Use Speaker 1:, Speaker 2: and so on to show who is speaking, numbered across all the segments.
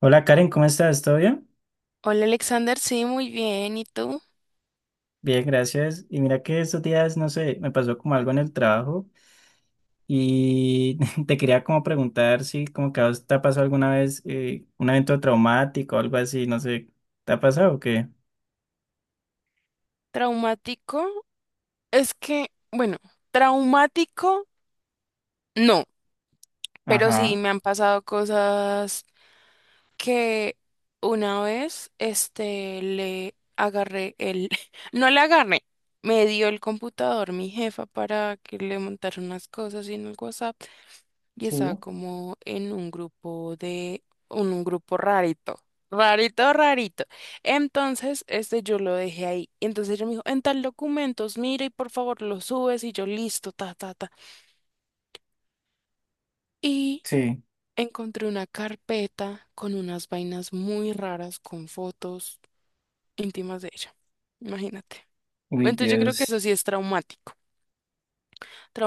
Speaker 1: Hola Karen, ¿cómo estás? ¿Todo bien?
Speaker 2: Hola Alexander, sí, muy bien. ¿Y tú?
Speaker 1: Bien, gracias. Y mira que estos días, no sé, me pasó como algo en el trabajo y te quería como preguntar si como que a vos te ha pasado alguna vez un evento traumático o algo así, no sé, ¿te ha pasado o qué?
Speaker 2: ¿Traumático? Es que, bueno, traumático no, pero sí
Speaker 1: Ajá,
Speaker 2: me han pasado cosas que una vez, le agarré el, no le agarré, me dio el computador mi jefa para que le montara unas cosas y en el WhatsApp. Y estaba
Speaker 1: sí,
Speaker 2: como en un grupo de, un grupo rarito, rarito, rarito. Entonces, yo lo dejé ahí. Entonces ella me dijo, en tal documentos, mira y por favor lo subes y yo listo, ta, ta, ta. Y
Speaker 1: sí,
Speaker 2: encontré una carpeta con unas vainas muy raras, con fotos íntimas de ella. Imagínate.
Speaker 1: uy
Speaker 2: Entonces yo creo que eso
Speaker 1: Dios,
Speaker 2: sí es traumático,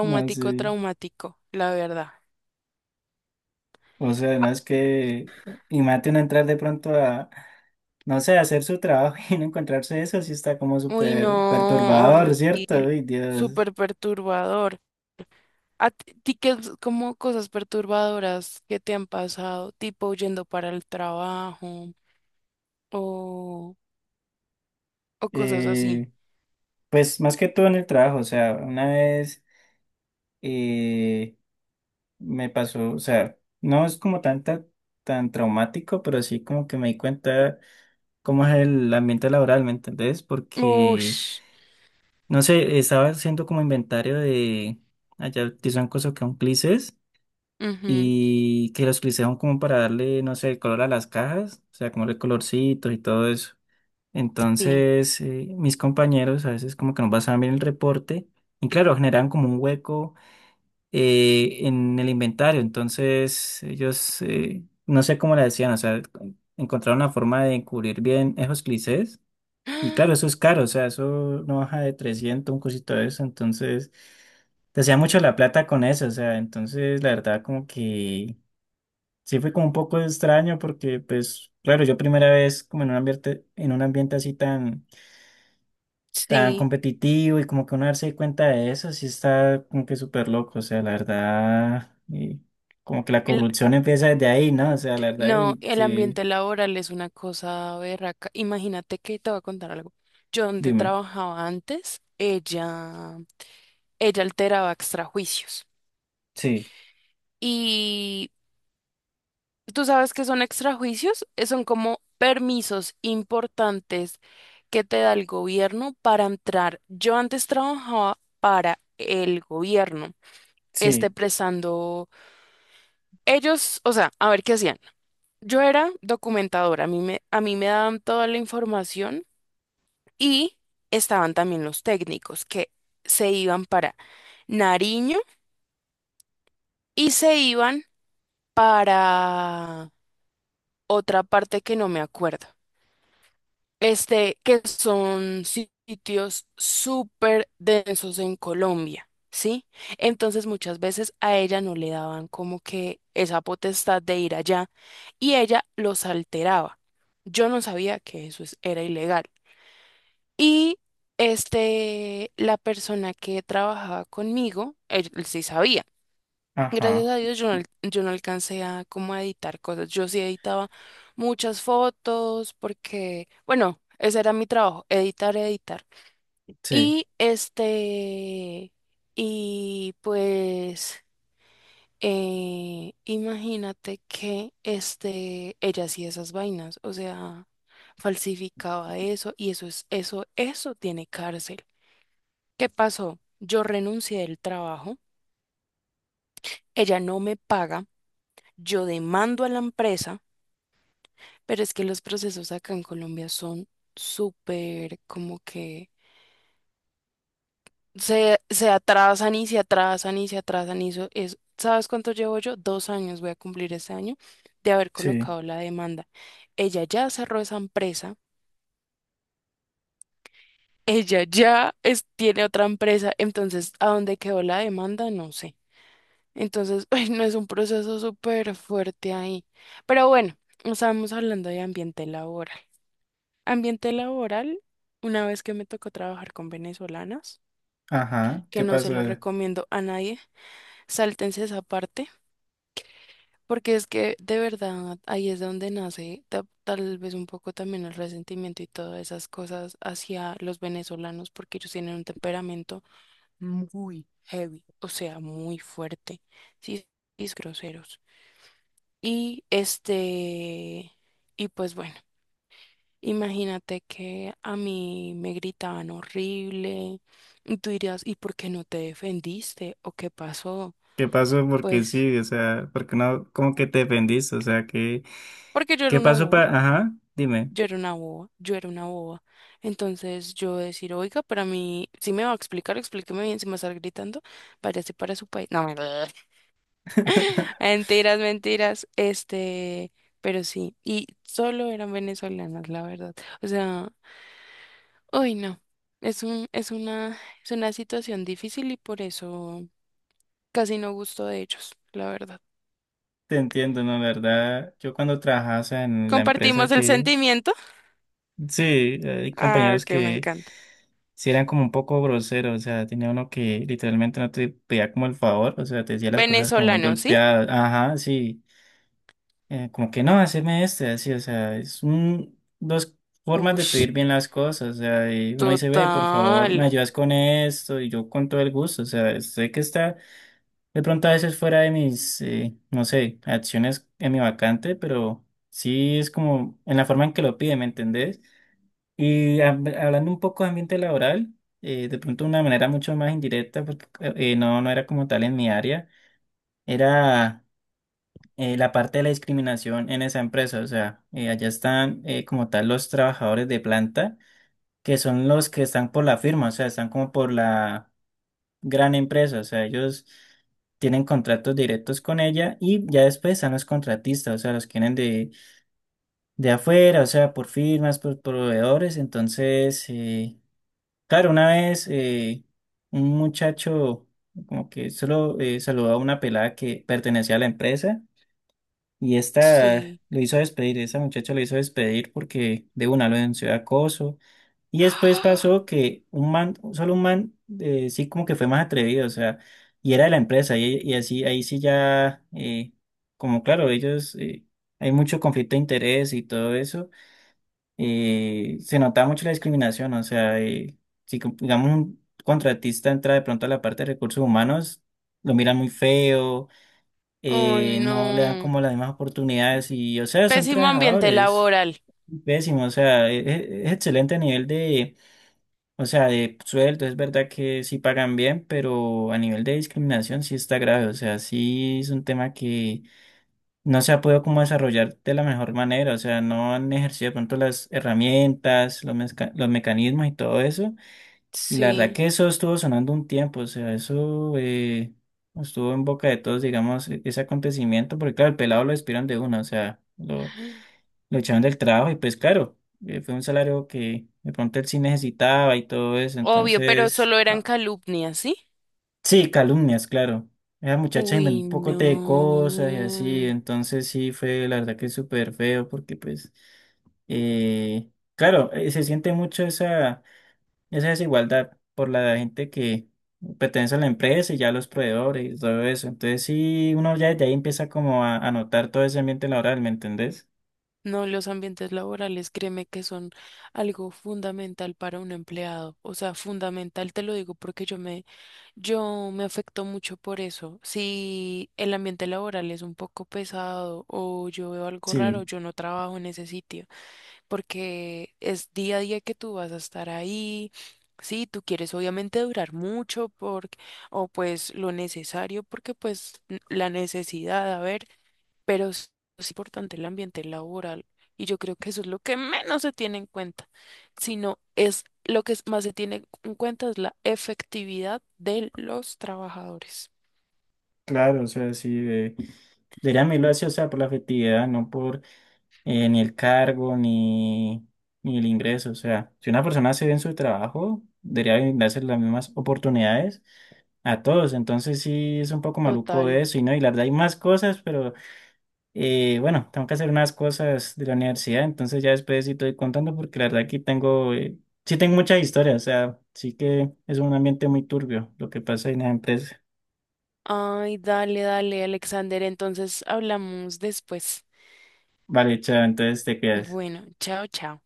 Speaker 1: no sé,
Speaker 2: traumático, la verdad.
Speaker 1: o sea, no es que, imagínate uno entrar de pronto a, no sé, a hacer su trabajo y no encontrarse eso, sí está como
Speaker 2: Uy,
Speaker 1: súper
Speaker 2: no,
Speaker 1: perturbador,
Speaker 2: horrible,
Speaker 1: ¿cierto? Uy Dios.
Speaker 2: súper perturbador. ¿A ti qué es como cosas perturbadoras que te han pasado, tipo yendo para el trabajo o, o cosas así?
Speaker 1: Eh, Pues más que todo en el trabajo, o sea, una vez eh, me pasó, o sea, no es como tanta, tan traumático, pero sí como que me di cuenta cómo es el ambiente laboral, ¿me entendés? Porque,
Speaker 2: Ush,
Speaker 1: no sé, estaba haciendo como inventario de, allá utilizan cosas que son clices
Speaker 2: ujú,
Speaker 1: y que los clices son como para darle, no sé, el color a las cajas, o sea, como el colorcitos y todo eso.
Speaker 2: sí,
Speaker 1: Entonces, mis compañeros a veces como que no pasaban bien el reporte. Y claro, generan como un hueco en el inventario. Entonces, ellos, no sé cómo la decían, o sea, encontraron la forma de encubrir bien esos clichés. Y claro, eso es caro, o sea, eso no baja de 300 un cosito de eso. Entonces, te hacía mucho la plata con eso, o sea, entonces, la verdad, como que sí fue como un poco extraño porque, pues, claro, yo primera vez como en un ambiente así tan tan
Speaker 2: sí.
Speaker 1: competitivo y como que uno darse cuenta de eso, sí está como que súper loco, o sea, la verdad, y como que la
Speaker 2: El-
Speaker 1: corrupción empieza desde ahí, ¿no? O sea, la verdad,
Speaker 2: no,
Speaker 1: y
Speaker 2: el
Speaker 1: sí,
Speaker 2: ambiente laboral es una cosa berraca. Imagínate que te voy a contar algo. Yo donde
Speaker 1: dime,
Speaker 2: trabajaba antes, ella alteraba extrajuicios.
Speaker 1: sí,
Speaker 2: Y ¿tú sabes que son extrajuicios? Son como permisos importantes que te da el gobierno para entrar. Yo antes trabajaba para el gobierno,
Speaker 1: sí,
Speaker 2: prestando ellos, o sea, a ver qué hacían. Yo era documentadora, a mí me daban toda la información y estaban también los técnicos que se iban para Nariño y se iban para otra parte que no me acuerdo. Que son sitios súper densos en Colombia, ¿sí? Entonces muchas veces a ella no le daban como que esa potestad de ir allá y ella los alteraba. Yo no sabía que era ilegal. Y la persona que trabajaba conmigo, él sí sabía. Gracias
Speaker 1: ajá,
Speaker 2: a Dios yo no, yo no alcancé a como a editar cosas. Yo sí editaba muchas fotos porque, bueno, ese era mi trabajo, editar, editar.
Speaker 1: sí,
Speaker 2: Y y pues, imagínate que ella hacía esas vainas, o sea, falsificaba eso y eso tiene cárcel. ¿Qué pasó? Yo renuncié del trabajo, ella no me paga, yo demando a la empresa. Pero es que los procesos acá en Colombia son súper como que se atrasan y se atrasan y se atrasan y eso es, ¿sabes cuánto llevo yo? Dos años, voy a cumplir este año de haber
Speaker 1: sí,
Speaker 2: colocado la demanda. Ella ya cerró esa empresa, ella ya tiene otra empresa, entonces ¿a dónde quedó la demanda? No sé. Entonces, ay, no es un proceso súper fuerte ahí. Pero bueno, no estábamos hablando de ambiente laboral. Ambiente laboral, una vez que me tocó trabajar con venezolanas,
Speaker 1: ajá,
Speaker 2: que
Speaker 1: ¿qué
Speaker 2: no se
Speaker 1: pasó?
Speaker 2: lo recomiendo a nadie, sáltense esa parte, porque es que de verdad ahí es donde nace tal vez un poco también el resentimiento y todas esas cosas hacia los venezolanos, porque ellos tienen un temperamento muy heavy, o sea, muy fuerte, sí, y groseros. Y y pues bueno. Imagínate que a mí me gritaban horrible y tú dirías, ¿y por qué no te defendiste? ¿O qué pasó?
Speaker 1: ¿Qué pasó? Porque
Speaker 2: Pues
Speaker 1: sí, o sea, porque no, como que te defendiste, o sea, que,
Speaker 2: porque yo era
Speaker 1: ¿qué
Speaker 2: una
Speaker 1: pasó
Speaker 2: boba,
Speaker 1: para, ajá, dime.
Speaker 2: yo era una boba, yo era una boba. Entonces yo decir, oiga, para mí, si me va a explicar, explíqueme bien, si me va a estar gritando, váyase para su país. No, mentiras, mentiras, pero sí, y solo eran venezolanas, la verdad. O sea... Uy, no. Es una situación difícil y por eso casi no gusto de ellos, la verdad.
Speaker 1: Te entiendo, ¿no? La verdad, yo cuando trabajaba, o sea, en la empresa
Speaker 2: Compartimos el
Speaker 1: que,
Speaker 2: sentimiento.
Speaker 1: sí, hay
Speaker 2: Ah,
Speaker 1: compañeros
Speaker 2: que me
Speaker 1: que
Speaker 2: encanta.
Speaker 1: sí eran como un poco groseros, o sea, tenía uno que literalmente no te pedía como el favor, o sea, te decía las cosas como muy
Speaker 2: Venezolano, ¿sí?
Speaker 1: golpeadas, ajá, sí, como que no, haceme este, así, o sea, es un, dos formas de
Speaker 2: Ush,
Speaker 1: pedir bien las cosas, o sea, y uno dice, ve, por favor, me
Speaker 2: total.
Speaker 1: ayudas con esto, y yo con todo el gusto, o sea, sé que está de pronto a veces fuera de mis, no sé, acciones en mi vacante, pero sí es como en la forma en que lo pide, ¿me entendés? Y hablando un poco de ambiente laboral, de pronto de una manera mucho más indirecta, porque no, no era como tal en mi área, era la parte de la discriminación en esa empresa. O sea, allá están como tal los trabajadores de planta, que son los que están por la firma, o sea, están como por la gran empresa, o sea, ellos tienen contratos directos con ella y ya después están los contratistas, o sea, los que vienen de afuera, o sea, por firmas, por proveedores, entonces... claro, una vez un muchacho como que solo saludó a una pelada que pertenecía a la empresa y esta
Speaker 2: Sí.
Speaker 1: lo hizo despedir, esa muchacha lo hizo despedir porque de una lo denunció de acoso y después
Speaker 2: ¡Ah!
Speaker 1: pasó que un man, solo un man sí como que fue más atrevido, o sea, y era de la empresa y así ahí sí ya como claro, ellos hay mucho conflicto de interés y todo eso se notaba mucho la discriminación, o sea, si digamos un contratista entra de pronto a la parte de recursos humanos, lo miran muy feo,
Speaker 2: Ay,
Speaker 1: no le dan
Speaker 2: no.
Speaker 1: como las mismas oportunidades y, o sea, son
Speaker 2: Pésimo ambiente
Speaker 1: trabajadores
Speaker 2: laboral.
Speaker 1: pésimos, o sea, es, excelente a nivel de, o sea, de sueldo, es verdad que sí pagan bien, pero a nivel de discriminación sí está grave, o sea, sí es un tema que no se ha podido como desarrollar de la mejor manera, o sea, no han ejercido de pronto las herramientas, los, los mecanismos y todo eso. Y la verdad
Speaker 2: Sí.
Speaker 1: que eso estuvo sonando un tiempo, o sea, eso estuvo en boca de todos, digamos, ese acontecimiento, porque claro, el pelado lo despidieron de una, o sea, lo echaron del trabajo y pues claro, fue un salario que de pronto él sí necesitaba y todo eso,
Speaker 2: Obvio, pero
Speaker 1: entonces...
Speaker 2: solo eran calumnias, ¿sí?
Speaker 1: Sí, calumnias, claro. Esa muchacha inventó
Speaker 2: Uy,
Speaker 1: un poco de cosas y así,
Speaker 2: no.
Speaker 1: entonces sí fue la verdad que súper feo porque pues, eh, claro, se siente mucho esa, esa desigualdad por la gente que pertenece a la empresa y ya los proveedores y todo eso. Entonces sí, uno ya desde ahí empieza como a notar todo ese ambiente laboral, ¿me entendés?
Speaker 2: No, los ambientes laborales, créeme que son algo fundamental para un empleado. O sea, fundamental te lo digo porque yo me afecto mucho por eso. Si el ambiente laboral es un poco pesado o yo veo algo raro,
Speaker 1: Sí,
Speaker 2: yo no trabajo en ese sitio porque es día a día que tú vas a estar ahí. Sí, tú quieres obviamente durar mucho por, o pues lo necesario porque pues la necesidad, a ver pero es importante el ambiente laboral y yo creo que eso es lo que menos se tiene en cuenta, sino es lo que más se tiene en cuenta es la efectividad de los trabajadores.
Speaker 1: claro, o sea, sí, de, deberían mirarlo así, o sea, por la afectividad, no por ni el cargo, ni, ni el ingreso. O sea, si una persona hace bien su trabajo, debería brindarse las mismas oportunidades a todos. Entonces sí es un poco maluco
Speaker 2: Total.
Speaker 1: eso y no, y la verdad hay más cosas, pero bueno, tengo que hacer unas cosas de la universidad, entonces ya después sí estoy contando porque la verdad aquí tengo, sí tengo muchas historias, o sea, sí que es un ambiente muy turbio lo que pasa en la empresa.
Speaker 2: Ay, dale, dale, Alexander, entonces hablamos después.
Speaker 1: Vale, chao, entonces te quedas.
Speaker 2: Bueno, chao, chao.